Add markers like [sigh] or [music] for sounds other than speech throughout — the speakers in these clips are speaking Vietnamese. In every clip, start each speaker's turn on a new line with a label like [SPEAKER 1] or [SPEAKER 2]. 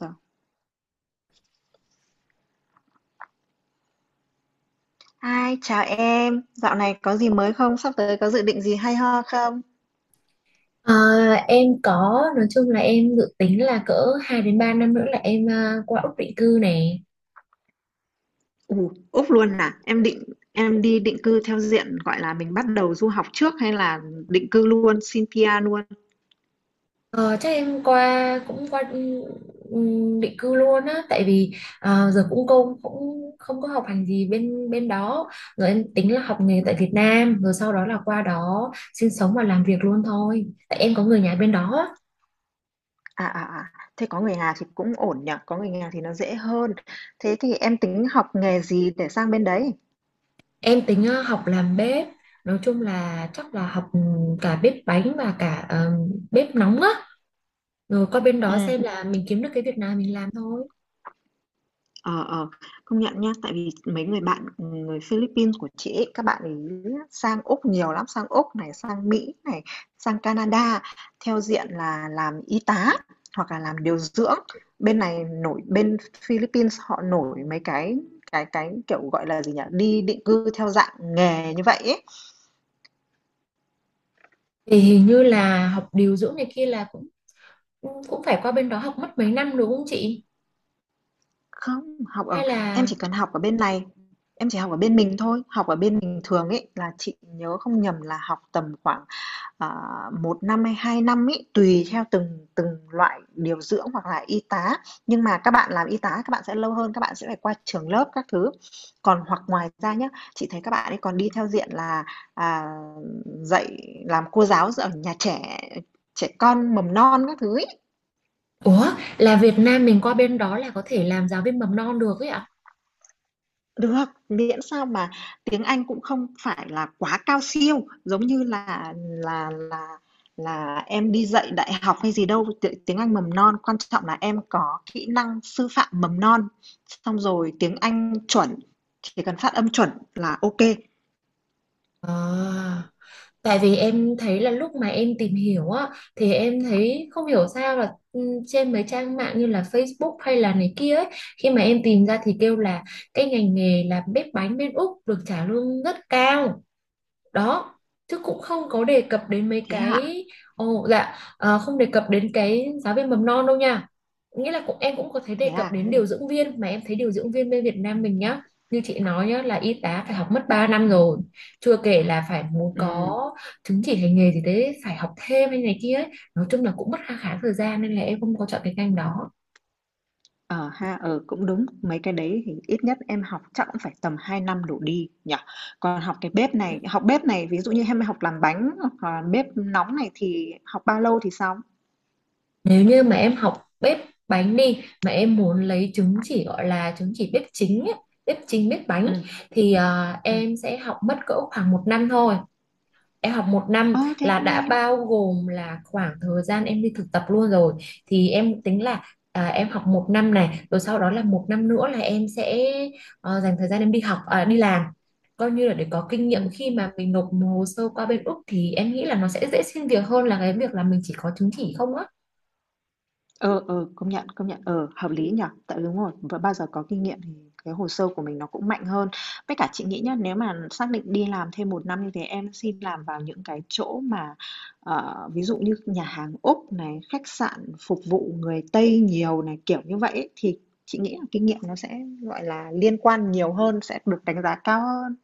[SPEAKER 1] Rồi. Hi, chào em. Dạo này có gì mới không? Sắp tới có dự định gì hay ho không?
[SPEAKER 2] Ờ, em có, nói chung là em dự tính là cỡ 2 đến 3 năm nữa là em qua Úc định cư này.
[SPEAKER 1] Ủ, Úc luôn à? Em định Em đi định cư theo diện gọi là mình bắt đầu du học trước hay là định cư luôn, xin PR luôn?
[SPEAKER 2] Ờ, Chắc em qua cũng qua, định cư luôn á, tại vì giờ cũng công cũng không có học hành gì bên bên đó. Rồi em tính là học nghề
[SPEAKER 1] Ừ.
[SPEAKER 2] tại Việt Nam, rồi sau đó là qua đó sinh sống và làm việc luôn thôi, tại em có người nhà bên đó á.
[SPEAKER 1] Thế có người nhà thì cũng ổn nhỉ, có người nhà thì nó dễ hơn. Thế thì em tính học nghề gì để sang bên đấy?
[SPEAKER 2] Em tính học làm bếp, nói chung là chắc là học cả bếp bánh và cả bếp nóng á, rồi qua bên đó
[SPEAKER 1] Ừ.
[SPEAKER 2] xem là mình kiếm được cái việc nào mình làm thôi.
[SPEAKER 1] Ờ, ờ, Công nhận nhá, tại vì mấy người bạn, người Philippines của chị ấy, các bạn ấy sang Úc nhiều lắm, sang Úc này, sang Mỹ này, sang Canada theo diện là làm y tá hoặc là làm điều dưỡng. Bên này nổi bên Philippines họ nổi mấy cái cái, kiểu, gọi là gì nhỉ, đi định cư theo dạng nghề như vậy ấy.
[SPEAKER 2] Thì hình như là học điều dưỡng này kia là cũng cũng phải qua bên đó học mất mấy năm, đúng không chị?
[SPEAKER 1] Không, học ở
[SPEAKER 2] Hay
[SPEAKER 1] em
[SPEAKER 2] là,
[SPEAKER 1] chỉ cần học ở bên này, em chỉ học ở bên mình thôi, học ở bên mình thường ấy là chị nhớ không nhầm là học tầm khoảng à, 1 năm hay 2 năm ấy, tùy theo từng từng loại điều dưỡng hoặc là y tá. Nhưng mà các bạn làm y tá các bạn sẽ lâu hơn, các bạn sẽ phải qua trường lớp các thứ. Còn hoặc ngoài ra nhá, chị thấy các bạn ấy còn đi theo diện là, à, dạy làm cô giáo ở nhà trẻ, trẻ con mầm non các thứ ấy.
[SPEAKER 2] ủa, là Việt Nam mình qua bên đó là có thể làm giáo viên mầm non được ấy ạ?
[SPEAKER 1] Được, miễn sao mà tiếng Anh cũng không phải là quá cao siêu, giống như là là em đi dạy đại học hay gì đâu, tiếng tiếng Anh mầm non, quan trọng là em có kỹ năng sư phạm mầm non, xong rồi tiếng Anh chuẩn, chỉ cần phát âm chuẩn là ok kê.
[SPEAKER 2] à, Tại vì em thấy là lúc mà em tìm hiểu á thì em thấy không hiểu sao là, trên mấy trang mạng như là Facebook hay là này kia ấy, khi mà em tìm ra thì kêu là cái ngành nghề là bếp bánh bên Úc được trả lương rất cao đó, chứ cũng không có đề cập đến mấy
[SPEAKER 1] Thế hả?
[SPEAKER 2] cái. Ồ, dạ, không đề cập đến cái giáo viên mầm non đâu nha. Nghĩa là cũng em cũng có thể đề
[SPEAKER 1] Thế
[SPEAKER 2] cập
[SPEAKER 1] à?
[SPEAKER 2] đến điều dưỡng viên, mà em thấy điều dưỡng viên bên Việt Nam
[SPEAKER 1] Ừm,
[SPEAKER 2] mình nhá, như chị nói nhá, là y tá phải học mất 3 năm
[SPEAKER 1] ừm,
[SPEAKER 2] rồi, chưa kể là phải muốn
[SPEAKER 1] ừm.
[SPEAKER 2] có chứng chỉ hành nghề gì đấy, phải học thêm hay này kia ấy. Nói chung là cũng mất khá khá thời gian, nên là em không có chọn cái ngành đó.
[SPEAKER 1] Ờ ha, ờ, cũng đúng. Mấy cái đấy thì ít nhất em học chắc cũng phải tầm 2 năm đổ đi nhỉ? Còn học cái bếp này, học bếp này ví dụ như em học làm bánh hoặc là bếp nóng này thì học bao lâu thì xong?
[SPEAKER 2] Nếu như mà em học bếp bánh đi, mà em muốn lấy chứng chỉ gọi là chứng chỉ bếp chính ấy, bếp chính bếp bánh,
[SPEAKER 1] Ừ,
[SPEAKER 2] thì
[SPEAKER 1] ừ.
[SPEAKER 2] em sẽ học mất cỡ khoảng 1 năm thôi. Em học 1 năm
[SPEAKER 1] Ờ, thế
[SPEAKER 2] là
[SPEAKER 1] cũng
[SPEAKER 2] đã
[SPEAKER 1] nhanh.
[SPEAKER 2] bao gồm là khoảng thời gian em đi thực tập luôn rồi. Thì em tính là em học một năm này, rồi sau đó là 1 năm nữa là em sẽ dành thời gian em đi học, đi làm. Coi như là để có kinh
[SPEAKER 1] Ừ.
[SPEAKER 2] nghiệm, khi mà mình nộp hồ sơ qua bên Úc thì em nghĩ là nó sẽ dễ xin việc hơn là cái việc là mình chỉ có chứng chỉ không á.
[SPEAKER 1] Ờ, Công nhận, công nhận, ờ, hợp lý nhở. Tại đúng rồi, và bao giờ có kinh nghiệm thì cái hồ sơ của mình nó cũng mạnh hơn. Với cả chị nghĩ nhá, nếu mà xác định đi làm thêm một năm như thế, em xin làm vào những cái chỗ mà ví dụ như nhà hàng Úc này, khách sạn phục vụ người Tây nhiều này, kiểu như vậy ấy, thì chị nghĩ là kinh nghiệm nó sẽ gọi là liên quan nhiều hơn, sẽ được đánh giá cao hơn.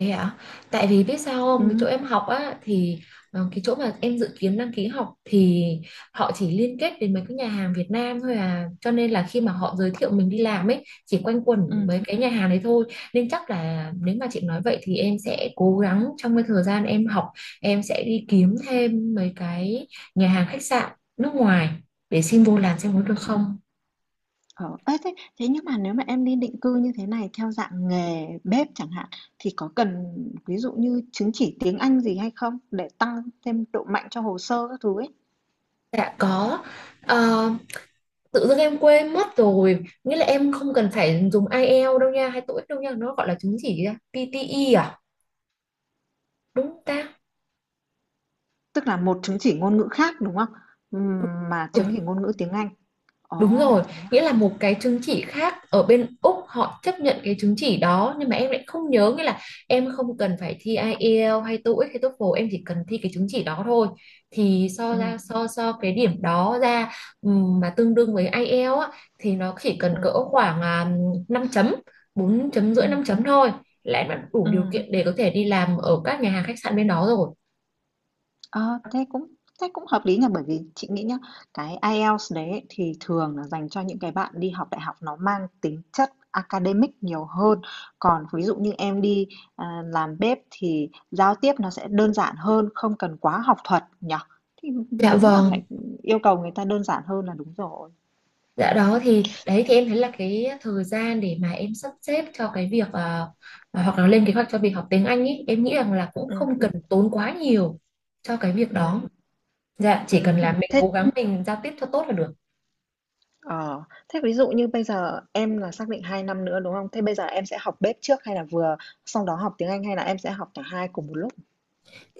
[SPEAKER 2] Thế ạ? Tại vì biết sao
[SPEAKER 1] Ừ,
[SPEAKER 2] không, cái chỗ em học á thì, cái chỗ mà em dự kiến đăng ký học thì họ chỉ liên kết đến mấy cái nhà hàng Việt Nam thôi à. Cho nên là khi mà họ giới thiệu mình đi làm ấy, chỉ quanh quẩn
[SPEAKER 1] ừ,
[SPEAKER 2] mấy cái nhà hàng đấy thôi. Nên chắc là nếu mà chị nói vậy thì em sẽ cố gắng trong cái thời gian em học, em sẽ đi kiếm thêm mấy cái nhà hàng khách sạn nước ngoài để xin vô làm xem có
[SPEAKER 1] ừ.
[SPEAKER 2] được không.
[SPEAKER 1] Ờ, ê, thế Thế nhưng mà nếu mà em đi định cư như thế này theo dạng nghề bếp chẳng hạn thì có cần ví dụ như chứng chỉ tiếng Anh gì hay không để tăng thêm độ mạnh cho hồ sơ các thứ ấy.
[SPEAKER 2] Dạ có. Ờ, Tự dưng em quên mất rồi, nghĩa là em không cần phải dùng IELTS đâu nha, hay TOEIC đâu nha, nó gọi là chứng chỉ gì ta? PTE à, đúng không ta?
[SPEAKER 1] Tức là một chứng chỉ ngôn ngữ khác đúng không? Ừm, Mà
[SPEAKER 2] Ừ, ừ.
[SPEAKER 1] chứng chỉ ngôn ngữ tiếng Anh. Ồ,
[SPEAKER 2] Đúng rồi,
[SPEAKER 1] thế
[SPEAKER 2] nghĩa
[SPEAKER 1] à?
[SPEAKER 2] là một cái chứng chỉ khác ở bên Úc họ chấp nhận cái chứng chỉ đó, nhưng mà em lại không nhớ, nghĩa là em không cần phải thi IELTS hay TOEIC hay TOEFL, em chỉ cần thi cái chứng chỉ đó thôi, thì so
[SPEAKER 1] Ừ,
[SPEAKER 2] ra so so cái điểm đó ra, mà tương đương với IELTS á, thì nó chỉ cần
[SPEAKER 1] ừ,
[SPEAKER 2] cỡ khoảng 5 chấm, 4.5, 5
[SPEAKER 1] ừ,
[SPEAKER 2] chấm thôi, là em đã đủ điều
[SPEAKER 1] ừ.
[SPEAKER 2] kiện để có thể đi làm ở các nhà hàng khách sạn bên đó rồi.
[SPEAKER 1] Ờ, thế cũng thế cũng hợp lý nhỉ, bởi vì chị nghĩ nhá, cái IELTS đấy thì thường là dành cho những cái bạn đi học đại học nó mang tính chất academic nhiều hơn. Còn ví dụ như em đi làm bếp thì giao tiếp nó sẽ đơn giản hơn, không cần quá học thuật nhỉ. Thì
[SPEAKER 2] Dạ
[SPEAKER 1] đúng là
[SPEAKER 2] vâng.
[SPEAKER 1] phải yêu cầu người ta đơn giản hơn là đúng rồi.
[SPEAKER 2] Dạ đó thì đấy thì em thấy là cái thời gian để mà em sắp xếp cho cái việc hoặc là lên kế hoạch cho việc học tiếng Anh ý, em nghĩ rằng là cũng
[SPEAKER 1] Ừ,
[SPEAKER 2] không cần tốn quá nhiều cho cái việc đó,
[SPEAKER 1] ừ,
[SPEAKER 2] dạ, chỉ cần
[SPEAKER 1] ừ.
[SPEAKER 2] là mình
[SPEAKER 1] Thế
[SPEAKER 2] cố gắng mình giao tiếp cho tốt là được.
[SPEAKER 1] ờ, thế ví dụ như bây giờ em là xác định 2 năm nữa đúng không? Thế bây giờ em sẽ học bếp trước hay là vừa xong đó học tiếng Anh hay là em sẽ học cả hai cùng một lúc?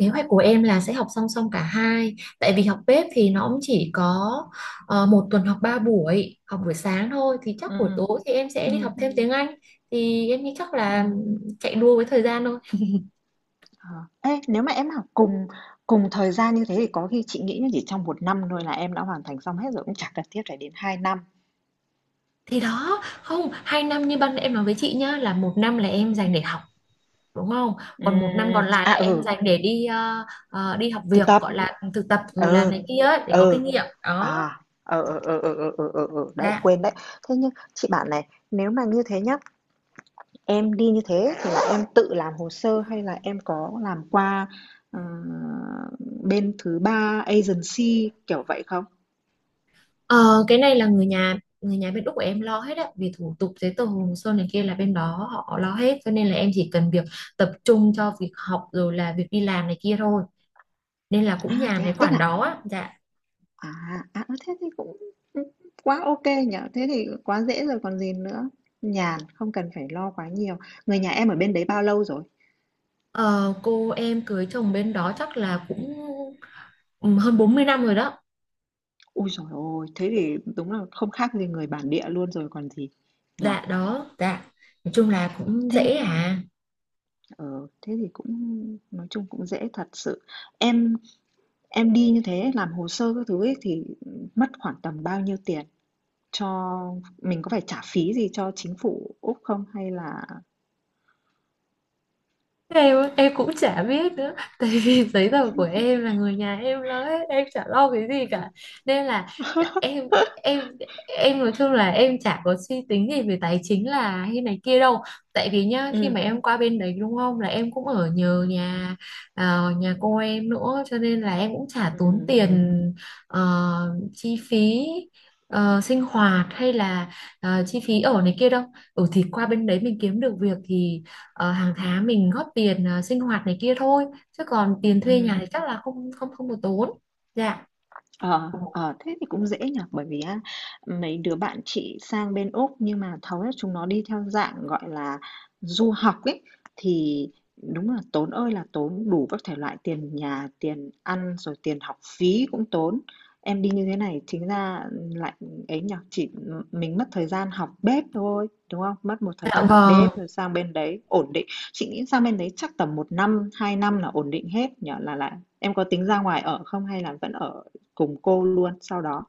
[SPEAKER 2] Kế hoạch của em là sẽ học song song cả hai, tại vì học bếp thì nó cũng chỉ có một tuần học 3 buổi, học buổi sáng thôi, thì chắc
[SPEAKER 1] Ừ,
[SPEAKER 2] buổi tối thì em sẽ đi học
[SPEAKER 1] ừ,
[SPEAKER 2] thêm tiếng Anh. Thì em nghĩ chắc
[SPEAKER 1] ừ.
[SPEAKER 2] là chạy đua với thời gian thôi.
[SPEAKER 1] ờ. Ê, nếu mà em học cùng cùng thời gian như thế thì có khi chị nghĩ là chỉ trong một năm thôi là em đã hoàn thành xong hết rồi, cũng chẳng cần thiết phải đến hai năm.
[SPEAKER 2] Thì đó, không, 2 năm như ban nãy em nói với chị nhá, là 1 năm là em dành để học, đúng không? Còn một, ừ, năm còn
[SPEAKER 1] Ừm,
[SPEAKER 2] lại
[SPEAKER 1] à,
[SPEAKER 2] là em
[SPEAKER 1] ừ,
[SPEAKER 2] dành để đi đi học
[SPEAKER 1] thực
[SPEAKER 2] việc,
[SPEAKER 1] tập,
[SPEAKER 2] gọi là thực tập rồi là
[SPEAKER 1] ừ,
[SPEAKER 2] này kia ấy, để có
[SPEAKER 1] ừ,
[SPEAKER 2] kinh nghiệm. Đó.
[SPEAKER 1] à, ờ, ờ, ờ, ờ, ờ, ờ, ờ, ờ, đấy,
[SPEAKER 2] Dạ.
[SPEAKER 1] quên đấy. Thế nhưng chị bảo này, nếu mà như thế nhá, em đi như thế thì là em tự làm hồ sơ hay là em có làm qua ờ, bên thứ ba agency kiểu vậy không?
[SPEAKER 2] Ờ, cái này là người nhà bên Úc của em lo hết á, vì thủ tục giấy tờ hồ sơ này kia là bên đó họ lo hết, cho nên là em chỉ cần việc tập trung cho việc học rồi là việc đi làm này kia thôi, nên là
[SPEAKER 1] À,
[SPEAKER 2] cũng nhàn
[SPEAKER 1] thế
[SPEAKER 2] cái
[SPEAKER 1] à, tức
[SPEAKER 2] khoản
[SPEAKER 1] là
[SPEAKER 2] đó á. Dạ.
[SPEAKER 1] À, à, Thế thì cũng, quá ok nhở. Thế thì quá dễ rồi còn gì nữa. Nhàn, không cần phải lo quá nhiều. Người nhà em ở bên đấy bao lâu rồi?
[SPEAKER 2] Ờ, cô em cưới chồng bên đó chắc là cũng, ừ, hơn 40 năm rồi đó.
[SPEAKER 1] Ui giời ôi! Thế thì đúng là không khác gì người bản địa luôn rồi còn gì, nhở.
[SPEAKER 2] Dạ đó, dạ. Nói chung là cũng
[SPEAKER 1] Thế
[SPEAKER 2] dễ à.
[SPEAKER 1] ờ, thế thì cũng Nói chung cũng dễ thật sự. Em em đi như thế làm hồ sơ các thứ ấy thì, mất khoảng tầm bao nhiêu tiền? Cho mình có phải trả phí gì cho chính phủ Úc không hay là
[SPEAKER 2] Em á, em cũng chả biết nữa [laughs] tại vì giấy tờ của em là người nhà em lo hết, em chả lo cái gì cả, nên là
[SPEAKER 1] [laughs]
[SPEAKER 2] em em em nói chung là em chả có suy tính gì về tài chính là hay này kia đâu. Tại vì nhá, khi
[SPEAKER 1] ừm,
[SPEAKER 2] mà em qua bên đấy, đúng không, là em cũng ở nhờ
[SPEAKER 1] ừm,
[SPEAKER 2] nhà, nhà cô em nữa, cho nên là em cũng chả tốn
[SPEAKER 1] ừm,
[SPEAKER 2] tiền, ờ, chi phí sinh hoạt hay là chi phí ở này kia đâu. Ừ thì qua bên đấy mình kiếm được việc thì, hàng tháng mình góp tiền, sinh hoạt này kia thôi, chứ còn tiền thuê
[SPEAKER 1] ừm.
[SPEAKER 2] nhà thì chắc là không không không có tốn. Dạ.
[SPEAKER 1] Ờ, ờ, thế thì cũng dễ nhỉ, bởi vì á, mấy đứa bạn chị sang bên Úc nhưng mà hầu hết chúng nó đi theo dạng, gọi là, du học ấy, thì đúng là tốn ơi là tốn, đủ các thể loại tiền nhà, tiền ăn, rồi tiền học phí cũng tốn. Em đi như thế này chính ra lại ấy nhỉ, chỉ mình mất thời gian học bếp thôi, đúng không? Mất một thời
[SPEAKER 2] Dạ
[SPEAKER 1] gian học
[SPEAKER 2] vâng.
[SPEAKER 1] bếp rồi sang bên đấy ổn định. Chị nghĩ sang bên đấy chắc tầm một năm, 2 năm là ổn định hết nhỉ, là lại em có tính ra ngoài ở không hay là vẫn ở cùng cô luôn sau đó.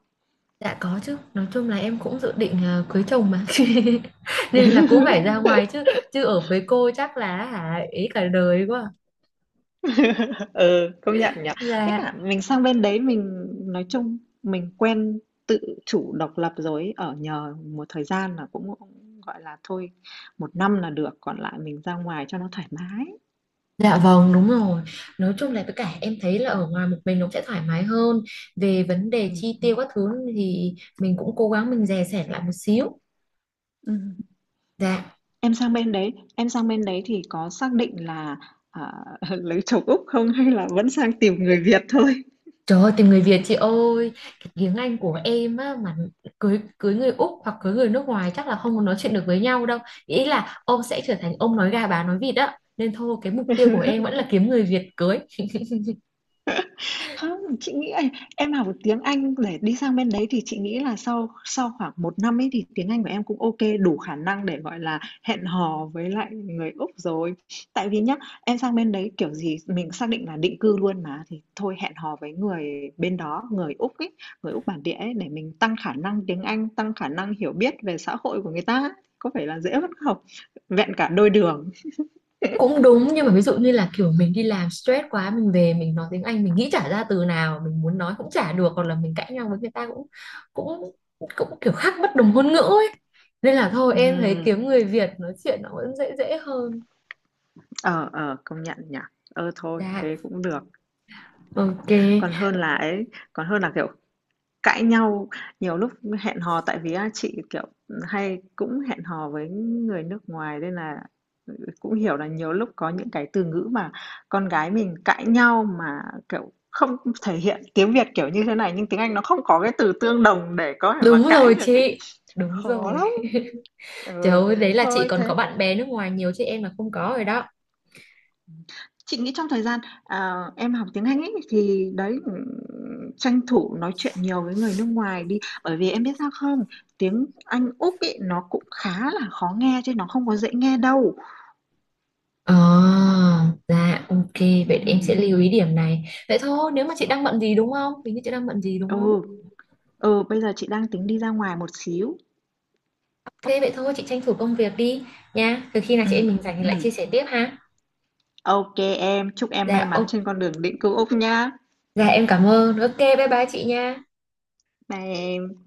[SPEAKER 2] Dạ có chứ, nói chung là em cũng dự định cưới chồng mà [laughs] nên là cũng phải ra
[SPEAKER 1] [laughs]
[SPEAKER 2] ngoài chứ, chứ ở với cô chắc là hả ý cả đời quá.
[SPEAKER 1] [laughs] Ừ, công nhận nhỉ. Với
[SPEAKER 2] Dạ.
[SPEAKER 1] cả mình sang bên đấy mình nói chung mình quen tự chủ độc lập rồi ấy, ở nhờ một thời gian là cũng cũng gọi là thôi, một năm là được, còn lại mình ra ngoài cho nó thoải mái.
[SPEAKER 2] Dạ vâng, đúng rồi. Nói chung là với cả em thấy là ở ngoài một mình nó sẽ thoải mái hơn về vấn đề
[SPEAKER 1] Ừm,
[SPEAKER 2] chi tiêu các thứ, thì mình cũng cố gắng mình dè sẻn lại một xíu.
[SPEAKER 1] ừm.
[SPEAKER 2] Dạ.
[SPEAKER 1] Em sang bên đấy thì có xác định là, à, [laughs] lấy chồng Úc không hay là vẫn sang tìm người Việt thôi?
[SPEAKER 2] Trời ơi, tìm người Việt chị ơi! Cái tiếng Anh của em á, mà cưới cưới người Úc hoặc cưới người nước ngoài chắc là không có nói chuyện được với nhau đâu. Ý là ông sẽ trở thành ông nói gà bà nói vịt á. Nên thôi, cái mục tiêu của em
[SPEAKER 1] [laughs]
[SPEAKER 2] vẫn là kiếm người Việt cưới.
[SPEAKER 1] Không, chị nghĩ ấy, em học được tiếng Anh để đi sang bên đấy thì chị nghĩ là sau sau khoảng một năm ấy thì tiếng Anh của em cũng OK, đủ khả năng để, gọi là, hẹn hò với lại người Úc rồi. Tại vì nhá, em sang bên đấy kiểu gì mình xác định là định cư luôn mà, thì thôi hẹn hò với người bên đó, người Úc ấy, người Úc bản địa ấy, để mình tăng khả năng tiếng Anh, tăng khả năng hiểu biết về xã hội của người ta. Có phải là dễ hơn không? Vẹn cả đôi đường.
[SPEAKER 2] Cũng đúng, nhưng mà ví dụ như là kiểu mình đi làm stress quá, mình về mình nói tiếng Anh mình nghĩ chả ra từ nào, mình muốn nói cũng chả được, hoặc là mình cãi nhau với người ta cũng cũng cũng kiểu khác bất đồng ngôn ngữ ấy. Nên là thôi, em thấy
[SPEAKER 1] Ừm,
[SPEAKER 2] kiếm người Việt nói chuyện nó vẫn dễ dễ hơn.
[SPEAKER 1] ờ, Công nhận nhỉ? Ờ, thôi,
[SPEAKER 2] Dạ,
[SPEAKER 1] thế cũng được.
[SPEAKER 2] ok.
[SPEAKER 1] Còn hơn là ấy, còn hơn là, kiểu, cãi nhau, nhiều lúc hẹn hò tại vì á chị, kiểu, hay cũng hẹn hò với người nước ngoài nên là ừ, cũng hiểu là nhiều lúc có những cái từ ngữ mà con gái mình cãi nhau mà, kiểu, không thể hiện tiếng Việt kiểu như thế này, nhưng tiếng Anh nó không có cái từ tương đồng để có thể mà
[SPEAKER 2] Đúng
[SPEAKER 1] cãi
[SPEAKER 2] rồi
[SPEAKER 1] được ấy,
[SPEAKER 2] chị, đúng
[SPEAKER 1] khó
[SPEAKER 2] rồi.
[SPEAKER 1] lắm.
[SPEAKER 2] Trời
[SPEAKER 1] Ừ,
[SPEAKER 2] ơi, đấy là chị
[SPEAKER 1] thôi
[SPEAKER 2] còn có
[SPEAKER 1] thế
[SPEAKER 2] bạn bè nước ngoài nhiều, chứ em là không có rồi đó.
[SPEAKER 1] Chị nghĩ trong thời gian, em học tiếng Anh ấy, thì đấy, tranh thủ nói chuyện nhiều với người nước ngoài đi. Bởi vì em biết sao không? Tiếng Anh Úc ấy, nó cũng khá là khó nghe chứ nó không có dễ nghe đâu.
[SPEAKER 2] Ờ, dạ, ok, vậy để em
[SPEAKER 1] Ừm,
[SPEAKER 2] sẽ lưu ý điểm này. Vậy thôi, nếu mà chị đang bận gì đúng không? Hình như chị đang bận gì đúng không?
[SPEAKER 1] ừ, Bây giờ chị đang tính đi ra ngoài một xíu.
[SPEAKER 2] Ok, vậy thôi, chị tranh thủ công việc đi nha. Từ khi nào
[SPEAKER 1] ừ
[SPEAKER 2] chị em mình rảnh thì lại
[SPEAKER 1] ừ
[SPEAKER 2] chia sẻ tiếp ha.
[SPEAKER 1] ok em, chúc em may
[SPEAKER 2] Dạ,
[SPEAKER 1] mắn
[SPEAKER 2] ok,
[SPEAKER 1] trên con đường định cư Úc nha.
[SPEAKER 2] dạ em cảm ơn. Ok, bye bye chị nha.
[SPEAKER 1] Bye em.